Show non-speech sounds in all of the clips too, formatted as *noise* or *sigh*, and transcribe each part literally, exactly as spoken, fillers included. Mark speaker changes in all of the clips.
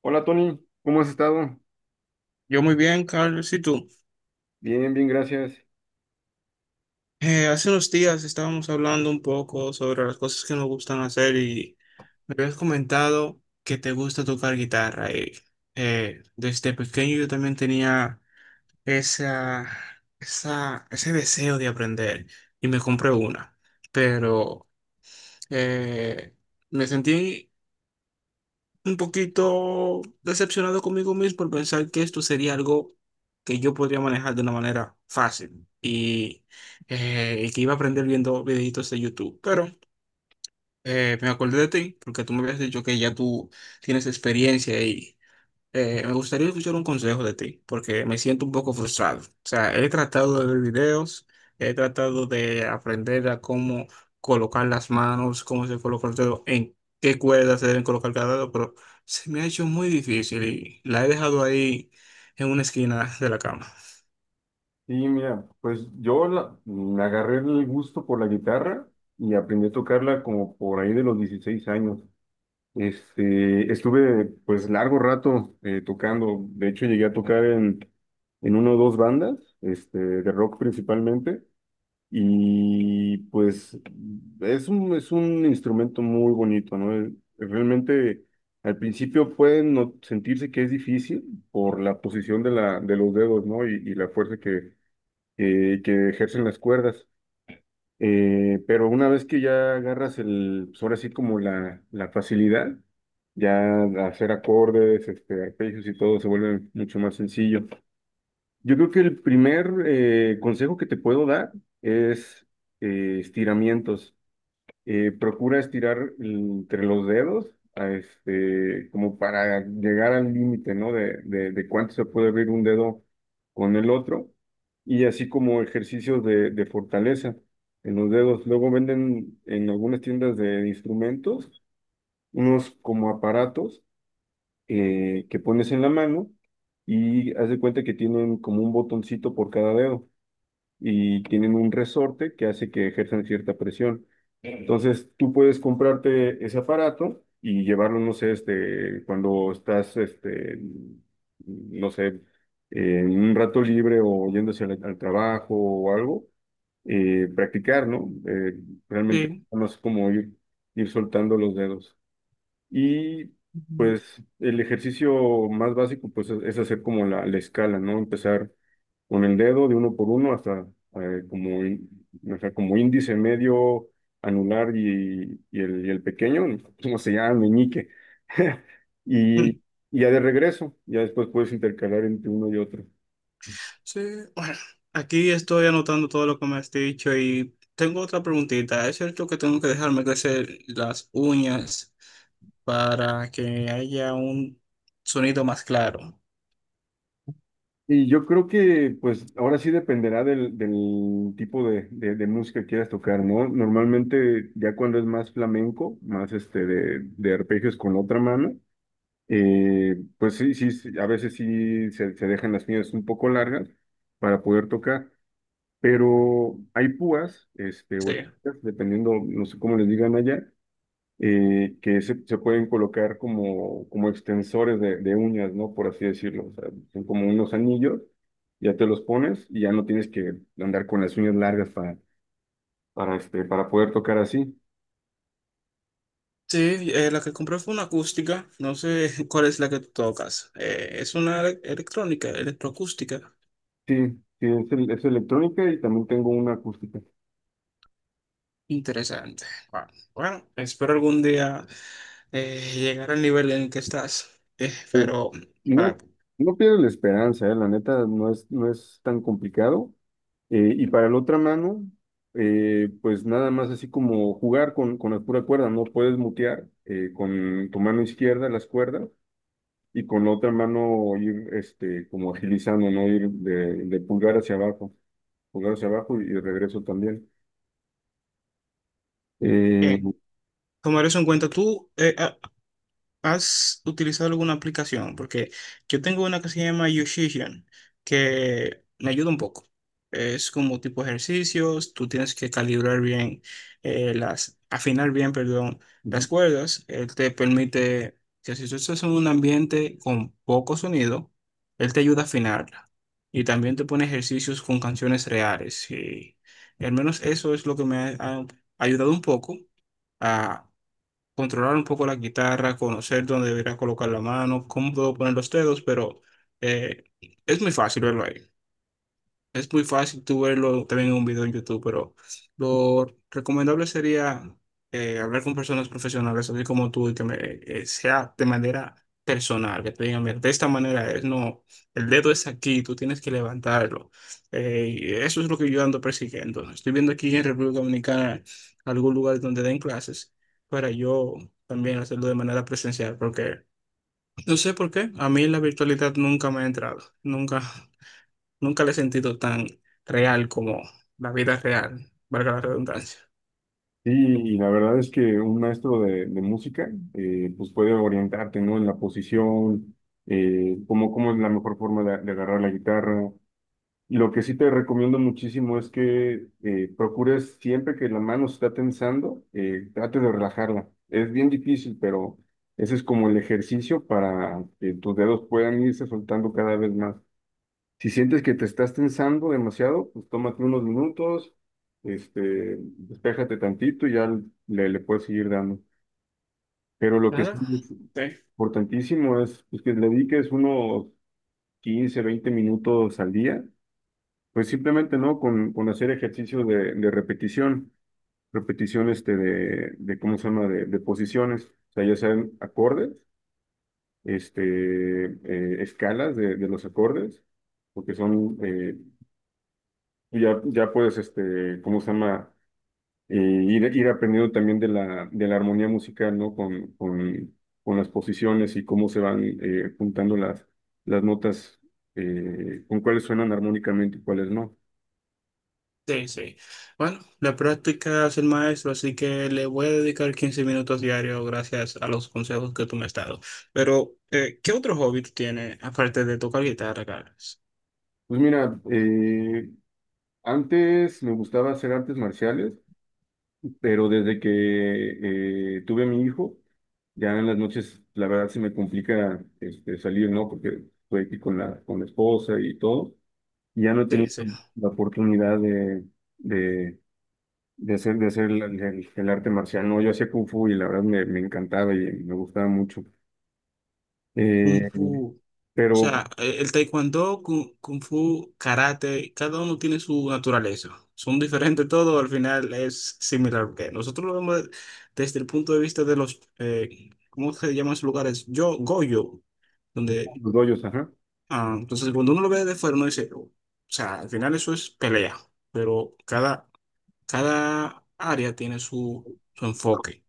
Speaker 1: Hola Tony, ¿cómo has estado?
Speaker 2: Yo muy bien, Carlos. ¿Y tú?
Speaker 1: Bien, bien, gracias.
Speaker 2: Eh, hace unos días estábamos hablando un poco sobre las cosas que nos gustan hacer y me habías comentado que te gusta tocar guitarra. Y, eh, desde pequeño yo también tenía esa, esa, ese deseo de aprender y me compré una, pero eh, me sentí un poquito decepcionado conmigo mismo por pensar que esto sería algo que yo podría manejar de una manera fácil y, eh, y que iba a aprender viendo videitos de YouTube. Pero eh, me acordé de ti porque tú me habías dicho que ya tú tienes experiencia y eh, me gustaría escuchar un consejo de ti, porque me siento un poco frustrado. O sea, he tratado de ver videos, he tratado de aprender a cómo colocar las manos, cómo se coloca el dedo, en qué cuerdas se deben colocar cada dedo, pero se me ha hecho muy difícil y la he dejado ahí en una esquina de la cama.
Speaker 1: Sí, mira, pues yo la- me agarré el gusto por la guitarra y aprendí a tocarla como por ahí de los dieciséis años. Este, estuve pues largo rato eh, tocando. De hecho llegué a tocar en, en una o dos bandas, este, de rock principalmente. Y pues es un, es un instrumento muy bonito, ¿no? Eh, Realmente al principio pueden no- sentirse que es difícil por la posición de, la, de los dedos, ¿no? Y, y la fuerza que, que, que ejercen las cuerdas. Eh, pero una vez que ya agarras el, pues ahora sí como la, la facilidad, ya hacer acordes, este, arpegios, y todo se vuelve mucho más sencillo. Yo creo que el primer eh, consejo que te puedo dar es eh, estiramientos. Eh, procura estirar entre los dedos, a este, como para llegar al límite, ¿no? De, de, de cuánto se puede abrir un dedo con el otro. Y así como ejercicios de, de fortaleza en los dedos. Luego venden en algunas tiendas de instrumentos unos como aparatos eh, que pones en la mano, y haz de cuenta que tienen como un botoncito por cada dedo, y tienen un resorte que hace que ejerzan cierta presión. Entonces tú puedes comprarte ese aparato y llevarlo, no sé, este, cuando estás, este, no sé, en un rato libre, o yéndose al, al trabajo o algo, eh, practicar, ¿no? Eh, realmente
Speaker 2: Sí.
Speaker 1: no es como ir, ir soltando los dedos. Y
Speaker 2: Ujú.
Speaker 1: pues el ejercicio más básico pues es es hacer como la, la escala, ¿no? Empezar con el dedo de uno por uno hasta eh, como, í- o sea, como índice, medio, anular, y, y el, y el pequeño. ¿Cómo se llama? Meñique. *laughs* Y
Speaker 2: Mm.
Speaker 1: y ya de regreso, ya después puedes intercalar entre uno y otro.
Speaker 2: Sí, bueno, aquí estoy anotando todo lo que me has dicho y tengo otra preguntita. ¿Es cierto que tengo que dejarme crecer las uñas para que haya un sonido más claro?
Speaker 1: Y yo creo que, pues, ahora sí dependerá del, del tipo de, de, de música que quieras tocar, ¿no? Normalmente, ya cuando es más flamenco, más este de, de arpegios con otra mano, eh, pues sí, sí, sí, a veces sí se, se dejan las piñas un poco largas para poder tocar. Pero hay púas, este, o
Speaker 2: Sí.
Speaker 1: esquinas, dependiendo, no sé cómo les digan allá, eh, que se, se pueden colocar como, como extensores de, de uñas, ¿no? Por así decirlo. O sea, son como unos anillos, ya te los pones y ya no tienes que andar con las uñas largas para, para, este, para poder tocar así.
Speaker 2: Sí, eh, la que compré fue una acústica. No sé *laughs* cuál es la que tú tocas. Eh, es una ele- electrónica, electroacústica.
Speaker 1: Sí, sí, es, el- es electrónica, y también tengo una acústica.
Speaker 2: Interesante. Bueno, bueno, espero algún día eh, llegar al nivel en el que estás. Eh,
Speaker 1: Pues
Speaker 2: pero, para,
Speaker 1: no, no pierdes la esperanza, ¿eh? La neta no es, no es tan complicado. Eh, y para la otra mano, eh, pues nada más así como jugar con, con la pura cuerda, no puedes mutear eh, con tu mano izquierda las cuerdas, y con la otra mano ir, este, como agilizando, ¿no? Ir de, de pulgar hacia abajo, pulgar hacia abajo, y de regreso también. Eh,
Speaker 2: bien, tomar eso en cuenta. Tú, eh, ah, ¿Has utilizado alguna aplicación? Porque yo tengo una que se llama Yoshisian, que me ayuda un poco. Es como tipo ejercicios, tú tienes que calibrar bien, eh, las, afinar bien, perdón, las
Speaker 1: Ujú.
Speaker 2: cuerdas. Él te permite que si tú estás en un ambiente con poco sonido, él te ayuda a afinarla. Y también te pone ejercicios con canciones reales. Y al menos eso es lo que me ha ha ayudado un poco a controlar un poco la guitarra, conocer dónde debería colocar la mano, cómo puedo poner los dedos, pero eh, es muy fácil verlo ahí. Es muy fácil tú verlo también en un video en YouTube, pero lo recomendable sería eh, hablar con personas profesionales, así como tú, y que me, eh, sea de manera personal, que te digan, "Mira, de esta manera es, no, el dedo es aquí, tú tienes que levantarlo". Eh, y eso es lo que yo ando persiguiendo. Estoy viendo aquí en República Dominicana algún lugar donde den clases para yo también hacerlo de manera presencial, porque no sé por qué, a mí la virtualidad nunca me ha entrado, nunca. Nunca la he sentido tan real como la vida real, valga la redundancia.
Speaker 1: y, y la verdad es que un maestro de, de música, eh, pues puede orientarte, ¿no? En la posición, eh, cómo, cómo es la mejor forma de, de agarrar la guitarra. Lo que sí te recomiendo muchísimo es que eh, procures siempre que la mano se está tensando, eh, trate de relajarla. Es bien difícil, pero ese es como el ejercicio para que tus dedos puedan irse soltando cada vez más. Si sientes que te estás tensando demasiado, pues tómate unos minutos, este, despéjate tantito y ya le, le puedes seguir dando. Pero lo que sí
Speaker 2: Nada.
Speaker 1: es
Speaker 2: Sí,
Speaker 1: importantísimo es, pues, que le dediques unos quince, veinte minutos al día, pues simplemente, ¿no? Con, con hacer ejercicio de, de repetición. Repetición este de, de, ¿cómo se llama? De, de posiciones. O sea, ya sean acordes, este, eh, escalas de, de los acordes, porque son, eh, ya, ya puedes, este, ¿cómo se llama? Eh, ir, ir aprendiendo también de la, de la armonía musical, ¿no? Con, con, con las posiciones y cómo se van eh, juntando las, las notas, eh, con cuáles suenan armónicamente y cuáles no.
Speaker 2: sí, sí. Bueno, la práctica es el maestro, así que le voy a dedicar quince minutos diarios gracias a los consejos que tú me has dado. Pero, eh, ¿qué otro hobby tú tienes aparte de tocar guitarra, Carlos?
Speaker 1: Pues mira, eh, antes me gustaba hacer artes marciales, pero desde que eh, tuve a mi hijo, ya en las noches la verdad se me complica, este, salir, ¿no? Porque estoy aquí con la, con la esposa y todo. Y ya no he
Speaker 2: Sí,
Speaker 1: tenido
Speaker 2: sí.
Speaker 1: la oportunidad de, de, de hacer, de hacer el, el- el arte marcial, ¿no? Yo hacía Kung Fu y la verdad me, me encantaba, y me gustaba mucho. Eh,
Speaker 2: un pu- O sea,
Speaker 1: pero
Speaker 2: eh, el taekwondo, kung, kung fu, karate, cada uno tiene su naturaleza. Son diferentes todo, al final es similar, porque nosotros lo vemos desde el punto de vista de los, eh, ¿cómo se llaman esos lugares? Yo, Goyo, donde,
Speaker 1: los dojos, ajá.
Speaker 2: ah, entonces cuando uno lo ve de fuera, uno dice, "Oh, o sea, al final eso es pelea, pero cada, cada área tiene su, su enfoque".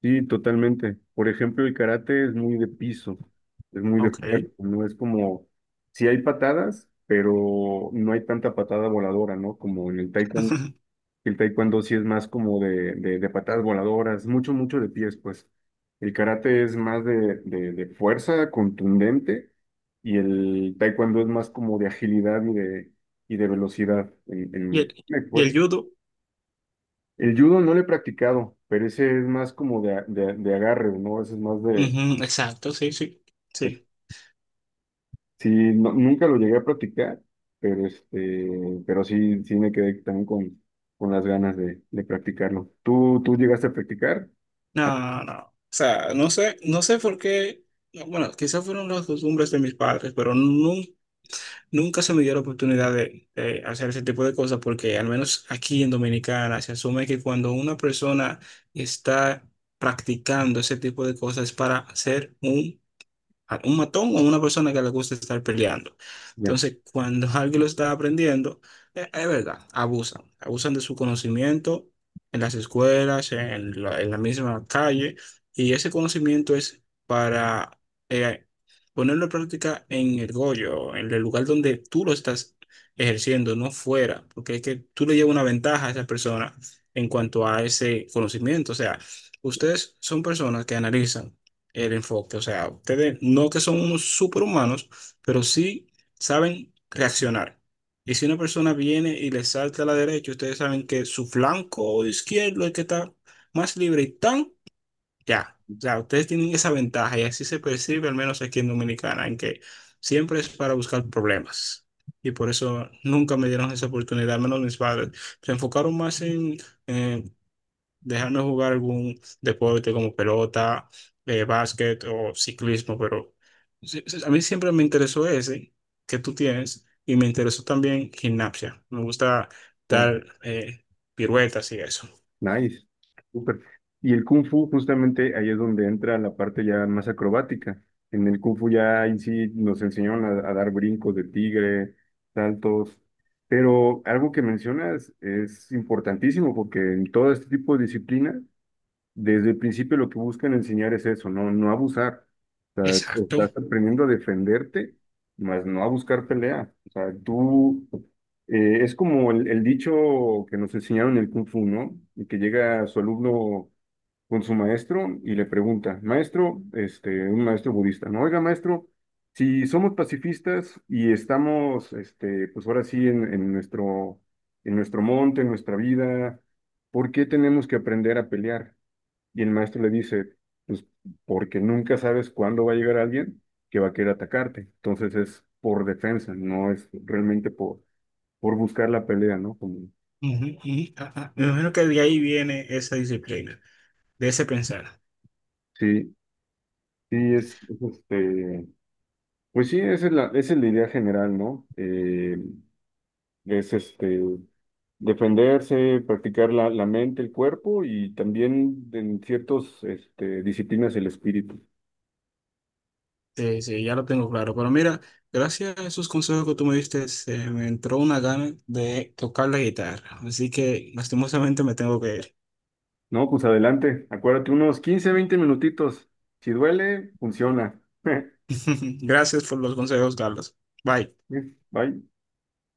Speaker 1: Sí, totalmente. Por ejemplo, el karate es muy de piso, es muy de
Speaker 2: Ok.
Speaker 1: cuerpo, no es como... Sí hay patadas, pero no hay tanta patada voladora, ¿no? Como en el taekwondo.
Speaker 2: *laughs*
Speaker 1: El taekwondo sí es más como de, de, de patadas voladoras, mucho, mucho de pies, pues. El karate es más de, de, de fuerza contundente, y el taekwondo es más como de agilidad, y de, y de velocidad en,
Speaker 2: Y
Speaker 1: en,
Speaker 2: el,
Speaker 1: en el
Speaker 2: y el
Speaker 1: cuerpo.
Speaker 2: judo,
Speaker 1: El judo no lo he practicado, pero ese es más como de, a- de, de agarre, ¿no? Ese es más de...
Speaker 2: ujú, exacto, sí, sí,
Speaker 1: de-
Speaker 2: sí.
Speaker 1: Sí, no- nunca lo llegué a practicar, pero, este, pero sí, sí me quedé también con, con las ganas de, de practicarlo. ¿Tú, tú llegaste a practicar?
Speaker 2: No, no. O sea, no sé, no sé por qué. No, bueno, quizás fueron las costumbres de mis padres, pero nun- nunca se me dio la oportunidad de, de hacer ese tipo de cosas, porque al menos aquí en Dominicana se asume que cuando una persona está practicando ese tipo de cosas es para ser un a un matón o a una persona que le gusta estar peleando.
Speaker 1: Ya.
Speaker 2: Entonces, cuando *laughs* alguien lo está aprendiendo, eh, es verdad, abusan, abusan de su conocimiento en las escuelas, en la, en la misma calle, y ese conocimiento es para eh, ponerlo en práctica en el goyo, en el lugar donde tú lo estás ejerciendo, no fuera, porque es que tú le llevas una ventaja a esa persona en cuanto a ese conocimiento. O sea, ustedes son personas que analizan el enfoque. O sea, ustedes no que son unos superhumanos, pero sí saben reaccionar. Y si una persona viene y le salta a la derecha, ustedes saben que su flanco izquierdo es el que está más libre y tan ya. O sea, ustedes tienen esa ventaja y así se percibe, al menos aquí en Dominicana, en que siempre es para buscar problemas. Y por eso nunca me dieron esa oportunidad, al menos mis padres. Se enfocaron más en, eh, dejarnos jugar algún deporte como pelota, eh, básquet o ciclismo, pero sí- sí, a mí siempre me interesó ese que tú tienes y me interesó también gimnasia. Me gusta dar eh, piruetas y eso.
Speaker 1: Nice, súper. Y el Kung Fu, justamente ahí es donde entra la parte ya más acrobática. En el Kung Fu ya ahí sí nos enseñaron a, a dar brincos de tigre, saltos. Pero algo que mencionas es importantísimo, porque en todo este tipo de disciplinas, desde el principio lo que buscan enseñar es eso: no, no abusar. O sea,
Speaker 2: Exacto.
Speaker 1: estás aprendiendo a defenderte, más no a buscar pelea. O sea, tú, eh, es como el, el dicho que nos enseñaron en el Kung Fu, ¿no? Y que llega su alumno con su maestro y le pregunta: "Maestro", este, un maestro budista, ¿no? "Oiga, maestro, si somos pacifistas y estamos, este, pues ahora sí, en, en nuestro, en nuestro monte, en nuestra vida, ¿por qué tenemos que aprender a pelear?" Y el maestro le dice: "Pues porque nunca sabes cuándo va a llegar alguien que va a querer atacarte." Entonces es por defensa, no es realmente por, por buscar la pelea, ¿no? Como,
Speaker 2: Ujú, ujú, ajá. Me imagino que de ahí viene esa disciplina, de ese pensar.
Speaker 1: sí, sí, es, es este, pues sí, esa es la, esa es la idea general, ¿no? Eh, es este, defenderse, practicar la, la mente, el cuerpo, y también en ciertas este, disciplinas, el espíritu.
Speaker 2: Sí, sí, ya lo tengo claro. Pero mira, gracias a esos consejos que tú me diste, se me entró una gana de tocar la guitarra. Así que lastimosamente me tengo que ir.
Speaker 1: No, pues adelante, acuérdate, unos quince veinte minutitos. Si duele, funciona. *laughs*
Speaker 2: *laughs* Gracias por los consejos, Carlos. Bye.
Speaker 1: Uf, ay,